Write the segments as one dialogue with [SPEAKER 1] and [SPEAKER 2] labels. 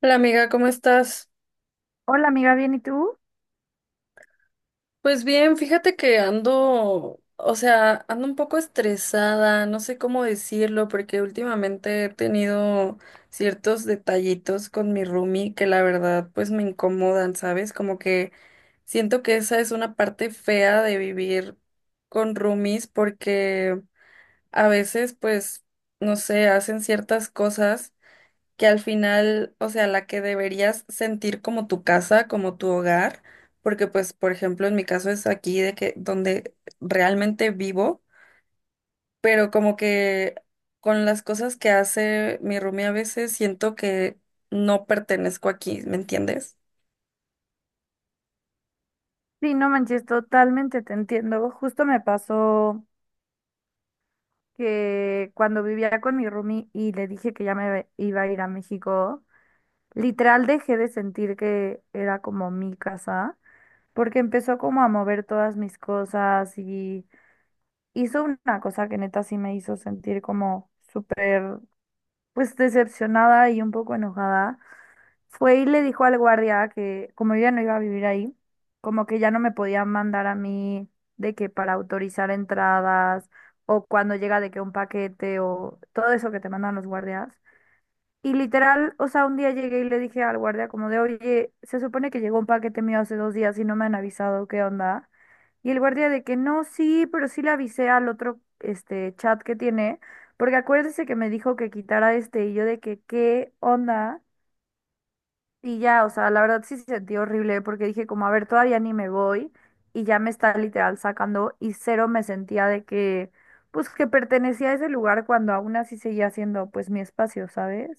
[SPEAKER 1] Hola amiga, ¿cómo estás?
[SPEAKER 2] Hola amiga, ¿bien y tú?
[SPEAKER 1] Pues bien, fíjate que ando, o sea, ando un poco estresada, no sé cómo decirlo, porque últimamente he tenido ciertos detallitos con mi roomie que la verdad pues me incomodan, ¿sabes? Como que siento que esa es una parte fea de vivir con roomies porque a veces pues, no sé, hacen ciertas cosas que al final, o sea, la que deberías sentir como tu casa, como tu hogar, porque pues, por ejemplo, en mi caso es aquí de que donde realmente vivo, pero como que con las cosas que hace mi roomie a veces siento que no pertenezco aquí, ¿me entiendes?
[SPEAKER 2] Sí, no manches, totalmente te entiendo. Justo me pasó que cuando vivía con mi roomie y le dije que ya me iba a ir a México, literal dejé de sentir que era como mi casa, porque empezó como a mover todas mis cosas y hizo una cosa que neta sí me hizo sentir como súper, pues decepcionada y un poco enojada. Fue y le dijo al guardia que como yo ya no iba a vivir ahí, como que ya no me podían mandar a mí de que para autorizar entradas o cuando llega de que un paquete o todo eso que te mandan los guardias. Y literal, o sea, un día llegué y le dije al guardia como de, oye, se supone que llegó un paquete mío hace dos días y no me han avisado, ¿qué onda? Y el guardia de que no, sí, pero sí le avisé al otro este chat que tiene, porque acuérdese que me dijo que quitara este y yo de que, ¿qué onda? Y ya, o sea, la verdad sí se sentía horrible porque dije como, a ver, todavía ni me voy y ya me está literal sacando y cero me sentía de que, pues que pertenecía a ese lugar cuando aún así seguía siendo pues mi espacio, ¿sabes?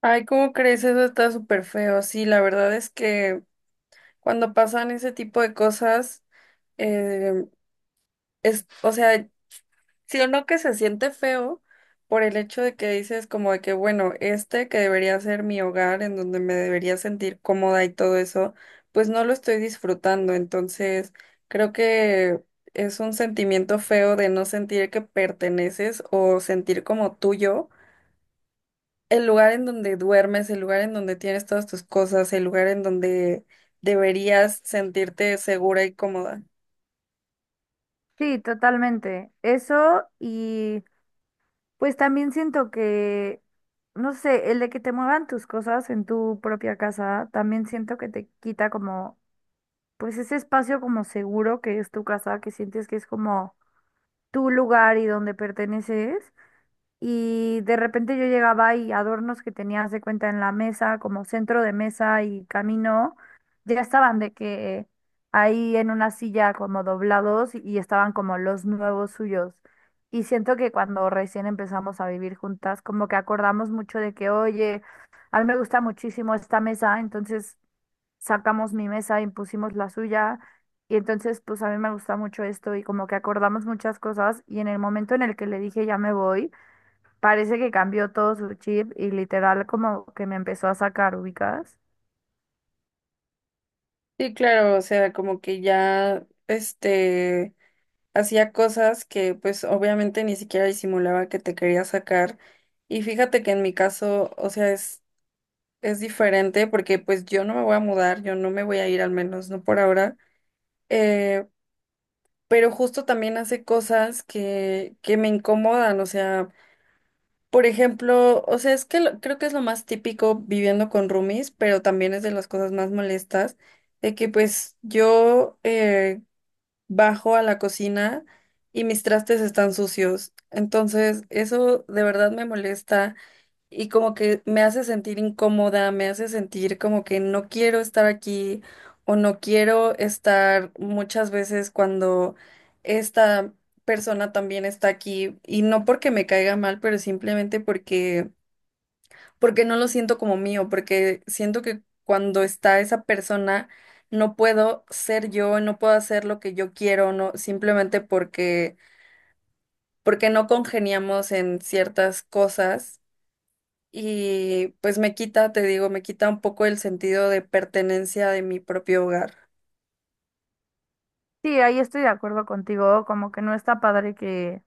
[SPEAKER 1] Ay, ¿cómo crees? Eso está súper feo. Sí, la verdad es que cuando pasan ese tipo de cosas, es, o sea, sí o no que se siente feo por el hecho de que dices como de que, bueno, este que debería ser mi hogar, en donde me debería sentir cómoda y todo eso, pues no lo estoy disfrutando. Entonces, creo que es un sentimiento feo de no sentir que perteneces o sentir como tuyo el lugar en donde duermes, el lugar en donde tienes todas tus cosas, el lugar en donde deberías sentirte segura y cómoda.
[SPEAKER 2] Sí, totalmente. Eso y pues también siento que, no sé, el de que te muevan tus cosas en tu propia casa, también siento que te quita como, pues ese espacio como seguro que es tu casa, que sientes que es como tu lugar y donde perteneces. Y de repente yo llegaba y adornos que tenía haz de cuenta en la mesa, como centro de mesa y camino, ya estaban de que ahí en una silla como doblados y estaban como los nuevos suyos. Y siento que cuando recién empezamos a vivir juntas, como que acordamos mucho de que, oye, a mí me gusta muchísimo esta mesa, entonces sacamos mi mesa y pusimos la suya. Y entonces, pues a mí me gusta mucho esto y como que acordamos muchas cosas y en el momento en el que le dije ya me voy, parece que cambió todo su chip y literal como que me empezó a sacar ubicas.
[SPEAKER 1] Sí, claro, o sea, como que ya, este, hacía cosas que pues obviamente ni siquiera disimulaba que te quería sacar. Y fíjate que en mi caso, o sea, es diferente porque pues yo no me voy a mudar, yo no me voy a ir al menos, no por ahora. Eh, pero justo también hace cosas que me incomodan, o sea, por ejemplo, o sea, es que lo- creo que es lo más típico viviendo con roomies, pero también es de las cosas más molestas de que pues yo bajo a la cocina y mis trastes están sucios. Entonces, eso de verdad me molesta y como que me hace sentir incómoda, me hace sentir como que no quiero estar aquí o no quiero estar muchas veces cuando esta persona también está aquí y no porque me caiga mal, pero simplemente porque no lo siento como mío, porque siento que cuando está esa persona no puedo ser yo, no puedo hacer lo que yo quiero, no, simplemente porque no congeniamos en ciertas cosas y pues me quita, te digo, me quita un poco el sentido de pertenencia de mi propio hogar.
[SPEAKER 2] Sí, ahí estoy de acuerdo contigo, como que no está padre que,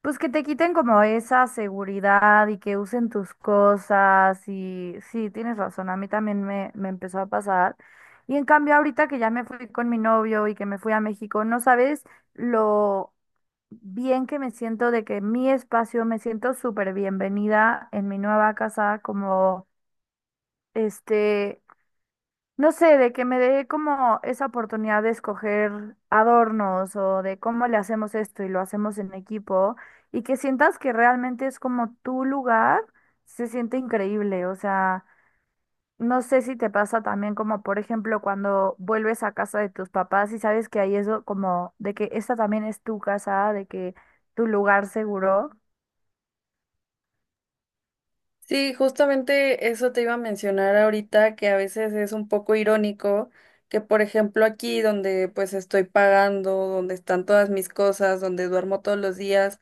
[SPEAKER 2] pues que te quiten como esa seguridad y que usen tus cosas y sí, tienes razón, a mí también me empezó a pasar. Y en cambio ahorita que ya me fui con mi novio y que me fui a México, no sabes lo bien que me siento de que mi espacio, me siento súper bienvenida en mi nueva casa, como este... no sé, de que me dé como esa oportunidad de escoger adornos o de cómo le hacemos esto y lo hacemos en equipo y que sientas que realmente es como tu lugar, se siente increíble. O sea, no sé si te pasa también como, por ejemplo, cuando vuelves a casa de tus papás y sabes que ahí es como de que esta también es tu casa, de que tu lugar seguro.
[SPEAKER 1] Sí, justamente eso te iba a mencionar ahorita, que a veces es un poco irónico que, por ejemplo, aquí donde pues estoy pagando, donde están todas mis cosas, donde duermo todos los días,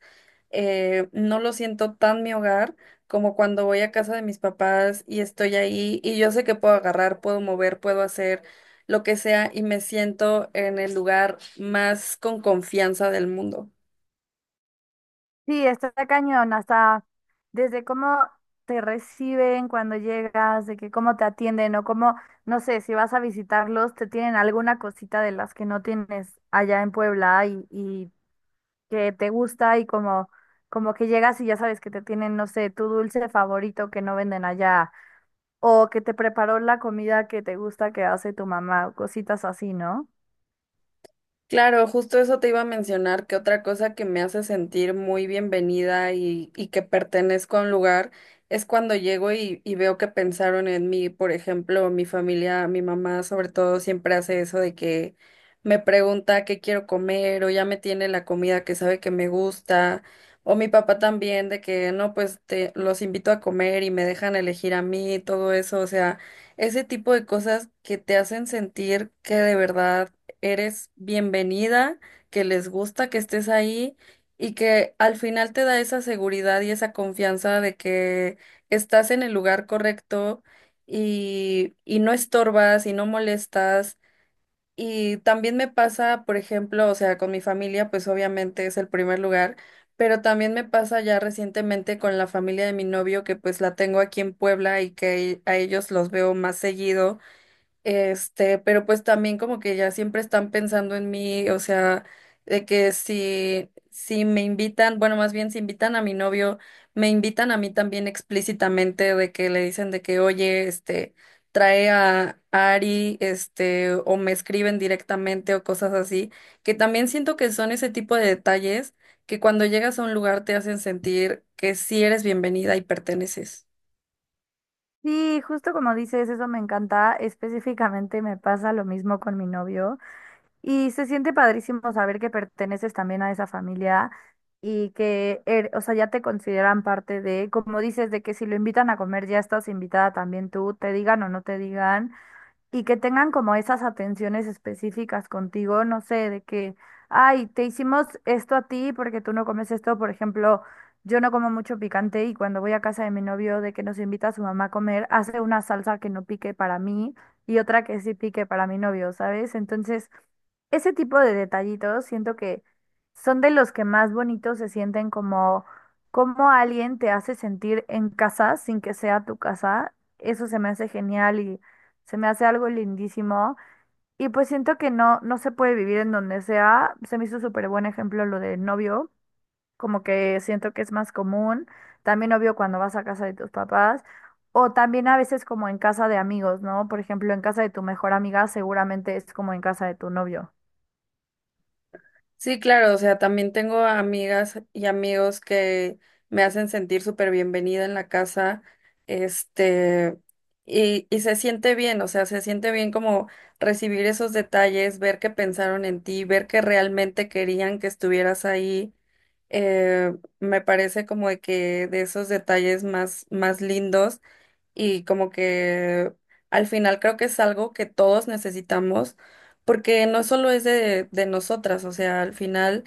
[SPEAKER 1] no lo siento tan mi hogar como cuando voy a casa de mis papás y estoy ahí y yo sé que puedo agarrar, puedo mover, puedo hacer lo que sea y me siento en el lugar más con confianza del mundo.
[SPEAKER 2] Sí, está cañón, hasta desde cómo te reciben cuando llegas, de que cómo te atienden o cómo, no sé, si vas a visitarlos, te tienen alguna cosita de las que no tienes allá en Puebla y que te gusta y como, como que llegas y ya sabes que te tienen, no sé, tu dulce favorito que no venden allá o que te preparó la comida que te gusta que hace tu mamá o cositas así, ¿no?
[SPEAKER 1] Claro, justo eso te iba a mencionar, que otra cosa que me hace sentir muy bienvenida y que pertenezco a un lugar es cuando llego y veo que pensaron en mí. Por ejemplo, mi familia, mi mamá sobre todo siempre hace eso de que me pregunta qué quiero comer o ya me tiene la comida que sabe que me gusta. O mi papá también de que no, pues te, los invito a comer y me dejan elegir a mí, todo eso. O sea, ese tipo de cosas que te hacen sentir que de verdad eres bienvenida, que les gusta que estés ahí y que al final te da esa seguridad y esa confianza de que estás en el lugar correcto y no estorbas y no molestas. Y también me pasa, por ejemplo, o sea, con mi familia, pues obviamente es el primer lugar, pero también me pasa ya recientemente con la familia de mi novio, que pues la tengo aquí en Puebla y que a ellos los veo más seguido. Este, pero pues también como que ya siempre están pensando en mí, o sea, de que si me invitan, bueno, más bien si invitan a mi novio, me invitan a mí también explícitamente de que le dicen de que, oye, este, trae a Ari, este, o me escriben directamente o cosas así, que también siento que son ese tipo de detalles que cuando llegas a un lugar te hacen sentir que sí eres bienvenida y perteneces.
[SPEAKER 2] Sí, justo como dices, eso me encanta. Específicamente me pasa lo mismo con mi novio. Y se siente padrísimo saber que perteneces también a esa familia y o sea, ya te consideran parte de, como dices, de que si lo invitan a comer ya estás invitada también tú, te digan o no te digan y que tengan como esas atenciones específicas contigo, no sé, de que, ay, te hicimos esto a ti porque tú no comes esto, por ejemplo, yo no como mucho picante y cuando voy a casa de mi novio de que nos invita a su mamá a comer, hace una salsa que no pique para mí y otra que sí pique para mi novio, ¿sabes? Entonces, ese tipo de detallitos siento que son de los que más bonitos se sienten como alguien te hace sentir en casa sin que sea tu casa. Eso se me hace genial y se me hace algo lindísimo. Y pues siento que no, no se puede vivir en donde sea. Se me hizo súper buen ejemplo lo del novio. Como que siento que es más común. También obvio cuando vas a casa de tus papás. O también a veces como en casa de amigos, ¿no? Por ejemplo, en casa de tu mejor amiga seguramente es como en casa de tu novio.
[SPEAKER 1] Sí, claro, o sea, también tengo amigas y amigos que me hacen sentir súper bienvenida en la casa, este, y se siente bien, o sea, se siente bien como recibir esos detalles, ver que pensaron en ti, ver que realmente querían que estuvieras ahí, me parece como de que de esos detalles más, más lindos y como que al final creo que es algo que todos necesitamos porque no solo es de nosotras, o sea, al final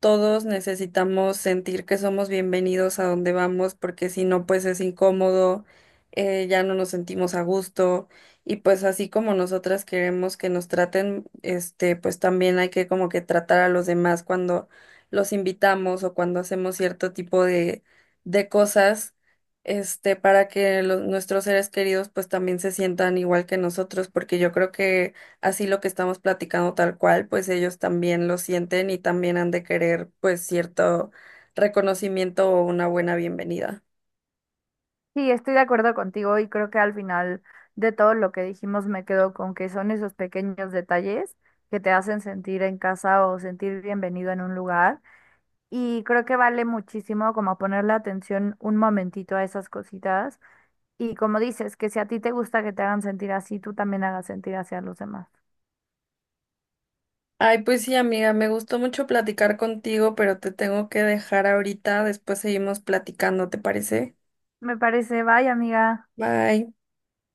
[SPEAKER 1] todos necesitamos sentir que somos bienvenidos a donde vamos, porque si no, pues es incómodo, ya no nos sentimos a gusto, y pues así como nosotras queremos que nos traten, este, pues también hay que como que tratar a los demás cuando los invitamos o cuando hacemos cierto tipo de cosas, este, para que los- nuestros seres queridos pues también se sientan igual que nosotros, porque yo creo que así lo que estamos platicando tal cual, pues ellos también lo sienten y también han de querer pues cierto reconocimiento o una buena bienvenida.
[SPEAKER 2] Sí, estoy de acuerdo contigo y creo que al final de todo lo que dijimos me quedo con que son esos pequeños detalles que te hacen sentir en casa o sentir bienvenido en un lugar. Y creo que vale muchísimo como ponerle atención un momentito a esas cositas. Y como dices, que si a ti te gusta que te hagan sentir así, tú también hagas sentir así a los demás.
[SPEAKER 1] Ay, pues sí, amiga, me gustó mucho platicar contigo, pero te tengo que dejar ahorita, después seguimos platicando, ¿te parece?
[SPEAKER 2] Me parece, bye, amiga.
[SPEAKER 1] Bye.